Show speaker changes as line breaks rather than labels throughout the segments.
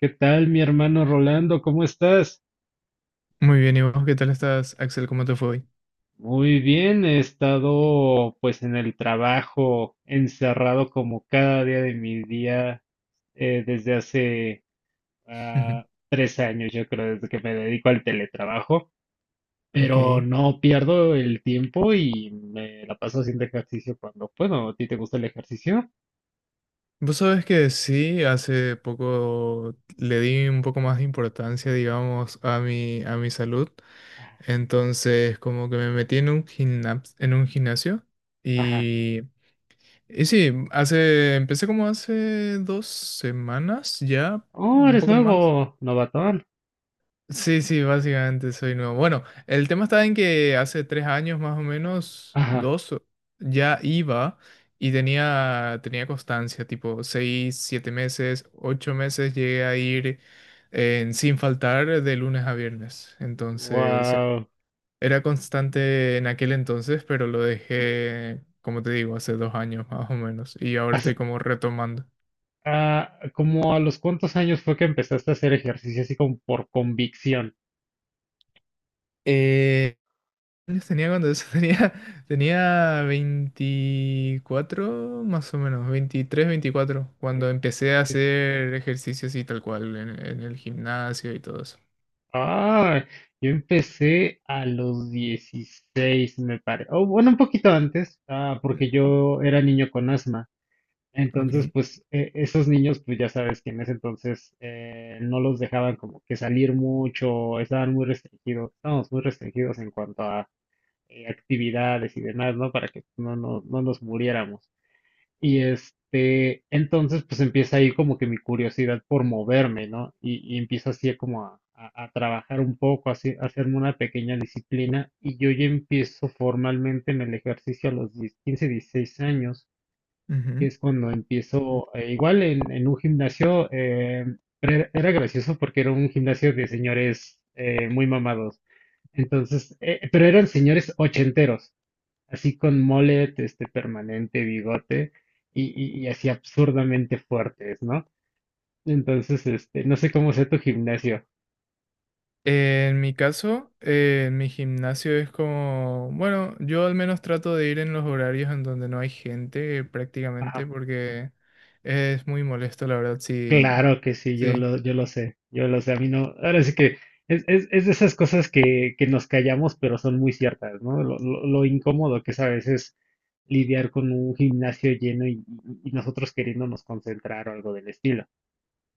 ¿Qué tal, mi hermano Rolando? ¿Cómo estás?
Muy bien, ¿y vos qué tal estás, Axel? ¿Cómo te fue hoy?
Muy bien, he estado pues en el trabajo, encerrado como cada día de mi día desde hace 3 años, yo creo, desde que me dedico al teletrabajo, pero
Ok.
no pierdo el tiempo y me la paso haciendo ejercicio cuando puedo. ¿A ti te gusta el ejercicio?
Vos sabés que sí, hace poco le di un poco más de importancia, digamos, a mi salud. Entonces, como que me metí en un gimnasio
Ajá.
y, y sí, empecé como hace 2 semanas ya,
Oh,
un
eres
poco más.
nuevo, novatón.
Sí, sí, básicamente soy nuevo. Bueno, el tema está en que hace 3 años más o menos,
Ajá.
dos, ya iba y tenía constancia, tipo 6, 7 meses, 8 meses llegué a ir sin faltar de lunes a viernes. Entonces,
Wow.
era constante en aquel entonces, pero lo dejé, como te digo, hace 2 años más o menos y ahora estoy como retomando.
Ah, ¿como a los cuántos años fue que empezaste a hacer ejercicio así como por convicción?
¿Años tenía cuando eso? Tenía 24 más o menos, 23 24 cuando empecé a
Es-
hacer ejercicios y tal cual en el gimnasio y todo eso.
Ah, yo empecé a los 16 me parece. O bueno, un poquito antes, ah, porque
Mm.
yo era niño con asma. Entonces,
Ok.
pues esos niños, pues ya sabes que en ese entonces no los dejaban como que salir mucho, estaban muy restringidos, estábamos muy restringidos en cuanto a actividades y demás, ¿no? Para que no, no, no nos muriéramos. Y este, entonces pues empieza ahí como que mi curiosidad por moverme, ¿no? Y empiezo así a como a trabajar un poco, así, a hacerme una pequeña disciplina. Y yo ya empiezo formalmente en el ejercicio a los 10 15 16 años, que
Ujú.
es cuando empiezo, igual en un gimnasio, pero era gracioso porque era un gimnasio de señores muy mamados. Entonces, pero eran señores ochenteros así con mullet, este permanente, bigote y así absurdamente fuertes, ¿no? Entonces, este, no sé cómo sea tu gimnasio.
En mi caso, mi gimnasio es como, bueno, yo al menos trato de ir en los horarios en donde no hay gente prácticamente
Ajá,
porque es muy molesto, la verdad, sí,
claro que sí, yo
sí.
lo, yo lo sé, yo lo sé, a mí no, ahora sí que es de esas cosas que nos callamos, pero son muy ciertas, ¿no? Lo incómodo que es a veces lidiar con un gimnasio lleno y, y nosotros queriéndonos concentrar o algo del estilo.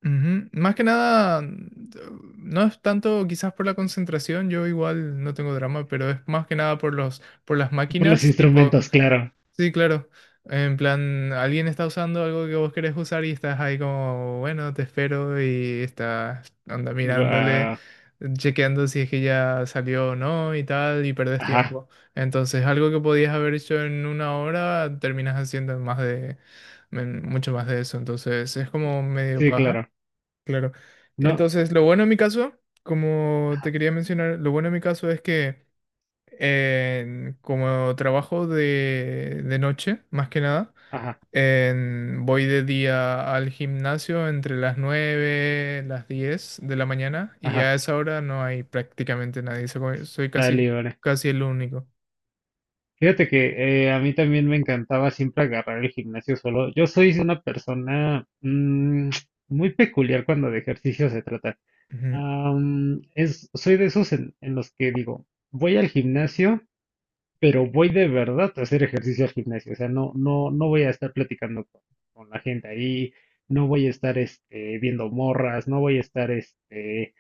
Ujú. Más que nada, no es tanto quizás por la concentración, yo igual no tengo drama, pero es más que nada por las
Por los
máquinas, tipo,
instrumentos, claro.
sí, claro, en plan, alguien está usando algo que vos querés usar y estás ahí como, bueno, te espero y estás, anda mirándole,
Guau,
chequeando si es que ya salió o no y tal, y perdés
ajá,
tiempo. Entonces, algo que podías haber hecho en una hora, terminas haciendo en mucho más de eso, entonces es como medio
sí,
paja.
claro.
Claro.
No,
Entonces, lo bueno en mi caso, como te
ajá,
quería mencionar, lo bueno en mi caso es que como trabajo de noche, más que nada,
ajá.
voy de día al gimnasio entre las 9, las 10 de la mañana y
Ajá,
a esa hora no hay prácticamente nadie. Soy
está
casi,
libre.
casi el único.
Fíjate que a mí también me encantaba siempre agarrar el gimnasio solo. Yo soy una persona mm, muy peculiar cuando de ejercicio se trata.
Ujú,
Soy de esos en los que digo, voy al gimnasio pero voy de verdad a hacer ejercicio al gimnasio, o sea, no, no, no voy a estar platicando con la gente ahí, no voy a estar este, viendo morras, no voy a estar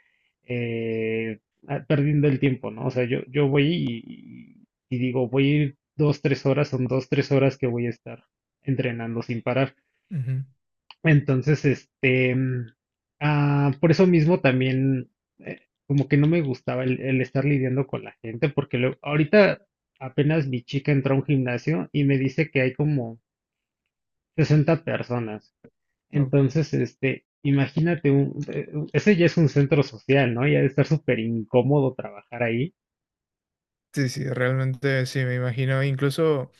eh, perdiendo el tiempo, ¿no? O sea, yo voy y digo, voy a ir dos, tres horas, son dos, tres horas que voy a estar entrenando sin parar.
ujú.
Entonces, este, por eso mismo también, eh, como que no me gustaba el estar lidiando con la gente, porque luego ahorita apenas mi chica entró a un gimnasio y me dice que hay como 60 personas.
Oh,
Entonces, este, imagínate, ese ya es un centro social, ¿no? Ya de estar súper incómodo trabajar ahí.
sí, sí, realmente sí, me imagino. Incluso...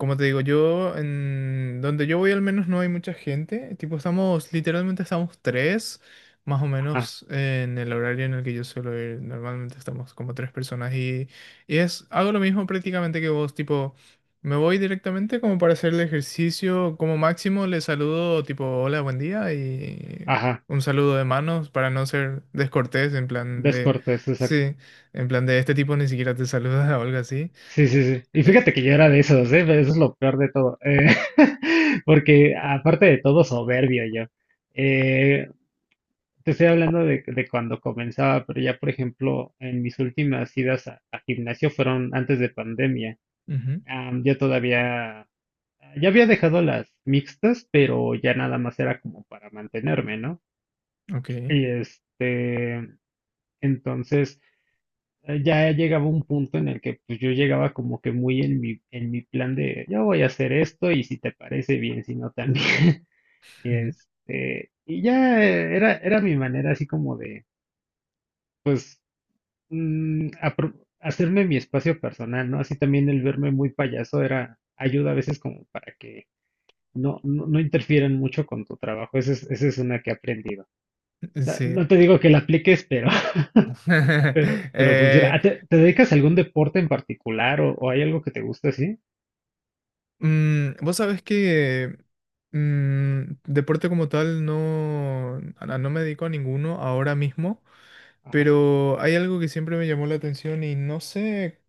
Como te digo, yo, en donde yo voy al menos no hay mucha gente. Tipo, literalmente estamos tres, más o
Ajá,
menos en el horario en el que yo suelo ir. Normalmente estamos como tres personas y hago lo mismo prácticamente que vos, tipo, me voy directamente como para hacer el ejercicio. Como máximo le saludo tipo, hola, buen día y
ajá,
un saludo de manos para no ser descortés, en plan de,
descortés.
sí, en plan de este tipo ni siquiera te saluda o algo así.
Sí, sí, sí. Y
Eh,
fíjate que yo era de esos, ¿eh? Eso es lo peor de todo. Porque aparte de todo, soberbio yo. Eh, te estoy hablando de cuando comenzaba, pero ya, por ejemplo, en mis últimas idas a gimnasio fueron antes de pandemia.
Ujú.
Am, yo todavía, ya había dejado las mixtas, pero ya nada más era como para mantenerme, ¿no?
Ok.
Y este, entonces ya llegaba un punto en el que pues yo llegaba como que muy en mi plan de yo voy a hacer esto y si te parece bien, si no también. Y este, y ya era mi manera así como de, pues, mm, apro- hacerme mi espacio personal, ¿no? Así también el verme muy payaso era, ayuda a veces como para que no, no, no interfieran mucho con tu trabajo. Esa es una que he aprendido. No,
Sí.
no te digo que la apliques, pero Pero, pero funciona.
Eh,
Ah, ¿Te, te dedicas a algún deporte en particular o hay algo que te guste así?
Vos sabés que deporte como tal no, no me dedico a ninguno ahora mismo,
Ajá,
pero hay algo que siempre me llamó la atención y no sé,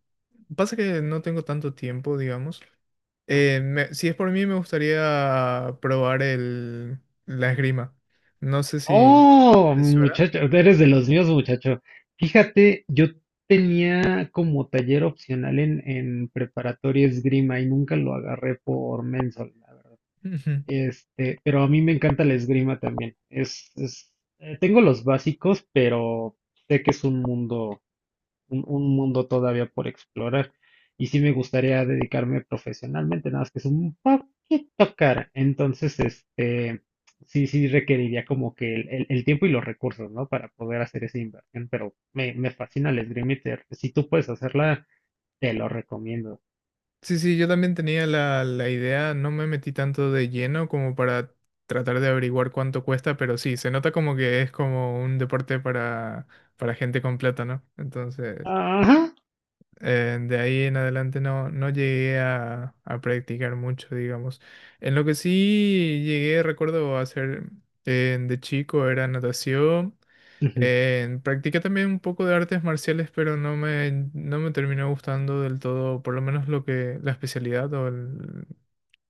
pasa que no tengo tanto tiempo, digamos.
ajá.
Si es por mí, me gustaría probar la esgrima. No sé si...
Oh,
¿Te suena?
muchacho, eres de los míos, muchacho. Fíjate, yo tenía como taller opcional en preparatoria esgrima y nunca lo agarré por mensol, la verdad. Este, pero a mí me encanta la esgrima también. Tengo los básicos, pero sé que es un mundo todavía por explorar. Y sí me gustaría dedicarme profesionalmente, nada más que es un poquito cara. Entonces, este, sí, sí requeriría como que el, el tiempo y los recursos, ¿no? Para poder hacer esa inversión, pero me fascina el esgrima y si tú puedes hacerla, te lo recomiendo.
Sí, sí, yo también tenía la idea, no me metí tanto de lleno como para tratar de averiguar cuánto cuesta, pero sí, se nota como que es como un deporte para, gente con plata, ¿no? Entonces,
Ajá.
de ahí en adelante no, no llegué a practicar mucho, digamos. En lo que sí llegué, recuerdo hacer de chico era natación.
Ujú,
Practiqué también un poco de artes marciales, pero no me terminó gustando del todo, por lo menos lo que, la especialidad o el,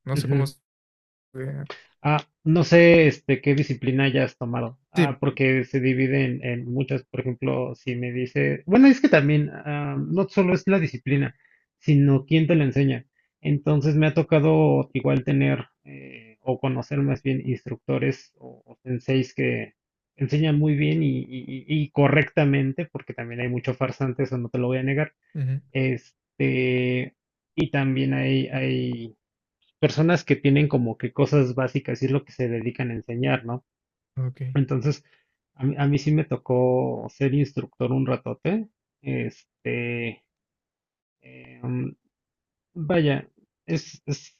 no sé cómo
ujú.
se...
Ah, no sé, este, qué disciplina hayas tomado.
Sí,
Ah, porque se divide en muchas. Por ejemplo, si me dice, bueno, es que también ah, no solo es la disciplina, sino quién te la enseña. Entonces me ha tocado igual tener o conocer más bien instructores o senseis que enseñan muy bien y correctamente, porque también hay mucho farsante, eso no te lo voy a negar.
ujú,
Este, y también hay personas que tienen como que cosas básicas y es lo que se dedican a enseñar, ¿no?
ok.
Entonces, a mí sí me tocó ser instructor un ratote. Este, em, vaya, es, es,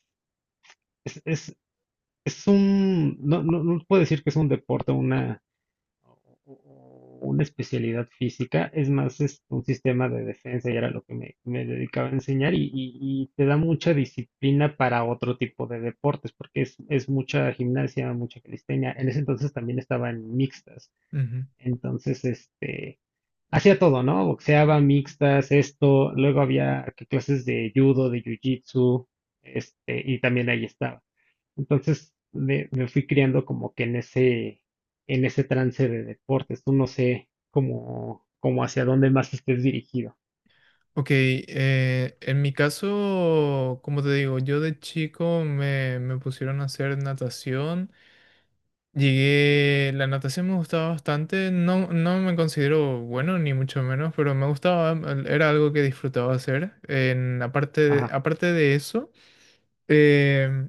es, es, no, no, no puedo decir que es un deporte, una, o, o una especialidad física, es más es un sistema de defensa y era lo que me dedicaba a enseñar y te da mucha disciplina para otro tipo de deportes, porque es mucha gimnasia, mucha calistenia. En ese entonces también estaba en mixtas,
Ujú.
entonces este, hacía todo, ¿no? Boxeaba, mixtas, esto, luego había que clases de judo, de jiu-jitsu, este, y también ahí estaba. Entonces me fui criando como que en ese trance de deportes. Tú no sé cómo hacia dónde más estés dirigido.
Ok, en mi caso, como te digo, yo de chico me pusieron a hacer natación. Llegué, la natación me gustaba bastante, no, no me considero bueno ni mucho menos, pero me gustaba, era algo que disfrutaba hacer. En, aparte,
Ajá.
aparte de eso. Eh,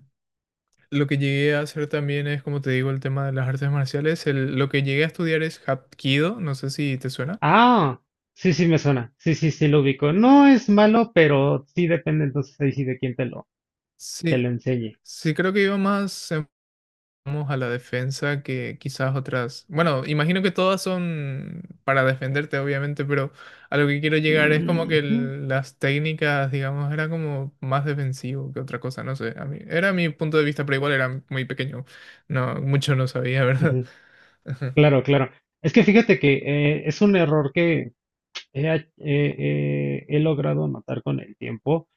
lo que llegué a hacer también es, como te digo, el tema de las artes marciales. Lo que llegué a estudiar es Hapkido, no sé si te suena.
Ah, sí, sí me suena. Sí, sí, sí lo ubico. No es malo, pero sí depende entonces ahí sí de quién te
Sí,
lo enseñe.
sí, creo que iba más vamos, a la defensa que quizás otras. Bueno, imagino que todas son para defenderte, obviamente, pero a lo que quiero llegar es como que
Ujú,
las técnicas, digamos, era como más defensivo que otra cosa, no sé. A mí, era mi punto de vista, pero igual era muy pequeño. No, mucho no sabía, ¿verdad?
ujú. Claro, claro. Es que fíjate que es un error que he logrado notar con el tiempo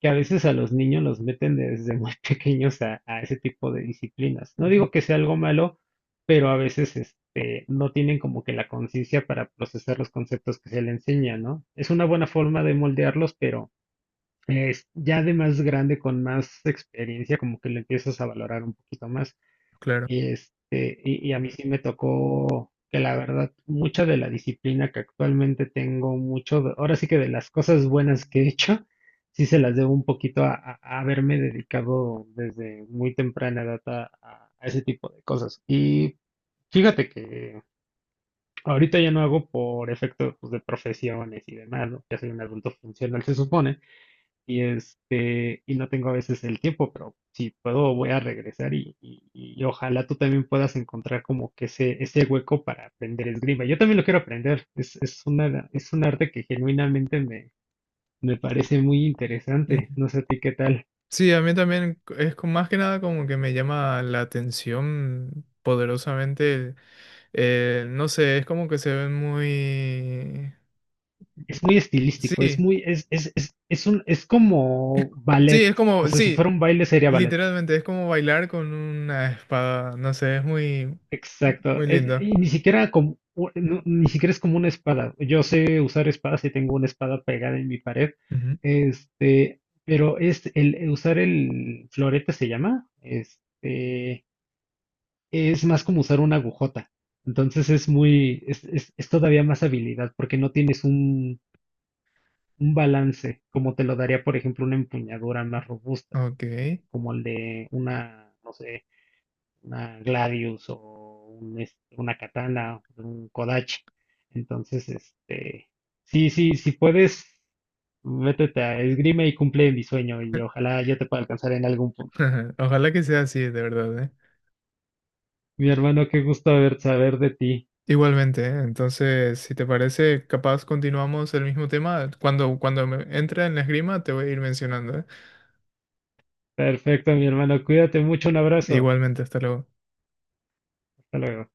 que a veces a los niños los meten desde muy pequeños a ese tipo de disciplinas. No
Ujú.
digo que sea algo malo, pero a veces este, no tienen como que la conciencia para procesar los conceptos que se le enseña, ¿no? Es una buena forma de moldearlos, pero es ya de más grande, con más experiencia, como que lo empiezas a valorar un poquito más.
Claro.
Y, este, y a mí sí me tocó que la verdad, mucha de la disciplina que actualmente tengo, mucho, ahora sí que de las cosas buenas que he hecho, sí se las debo un poquito a, a haberme dedicado desde muy temprana edad a, a ese tipo de cosas. Y fíjate que ahorita ya no hago por efecto, pues, de profesiones y demás, ¿no? Ya soy un adulto funcional, se supone y este, y no tengo a veces el tiempo, pero si puedo voy a regresar y ojalá tú también puedas encontrar como que ese hueco para aprender esgrima. Yo también lo quiero aprender, es un arte que genuinamente me parece muy interesante, no sé a ti qué tal.
Sí, a mí también es más que nada como que me llama la atención poderosamente. No sé, es como que se ven muy...
Es muy estilístico, es
Sí,
muy, es un, es como
sí,
ballet,
es
o
como,
sea, si
sí,
fuera un baile sería ballet.
literalmente es como bailar con una espada. No sé, es muy,
Exacto.
muy
Es, y
lindo.
ni siquiera como, no, ni siquiera es como una espada. Yo sé usar espadas y tengo una espada pegada en mi pared.
Ujú.
Este, pero es el usar el florete se llama. Este, es más como usar una agujota. Entonces es muy, es todavía más habilidad porque no tienes un balance como te lo daría, por ejemplo, una empuñadura más robusta,
Ok.
como el de una, no sé una Gladius o un, este, una katana, un Kodachi. Entonces, este, sí, sí, si puedes, métete a esgrima y cumple mi sueño y ojalá yo te pueda alcanzar en algún punto.
Ojalá que sea así, de verdad, ¿eh?
Mi hermano, qué gusto haber saber de ti.
Igualmente, ¿eh? Entonces, si te parece, capaz continuamos el mismo tema. Cuando me entre en la esgrima, te voy a ir mencionando, ¿eh?
Perfecto, mi hermano, cuídate mucho, un abrazo.
Igualmente, hasta luego.
Hasta luego.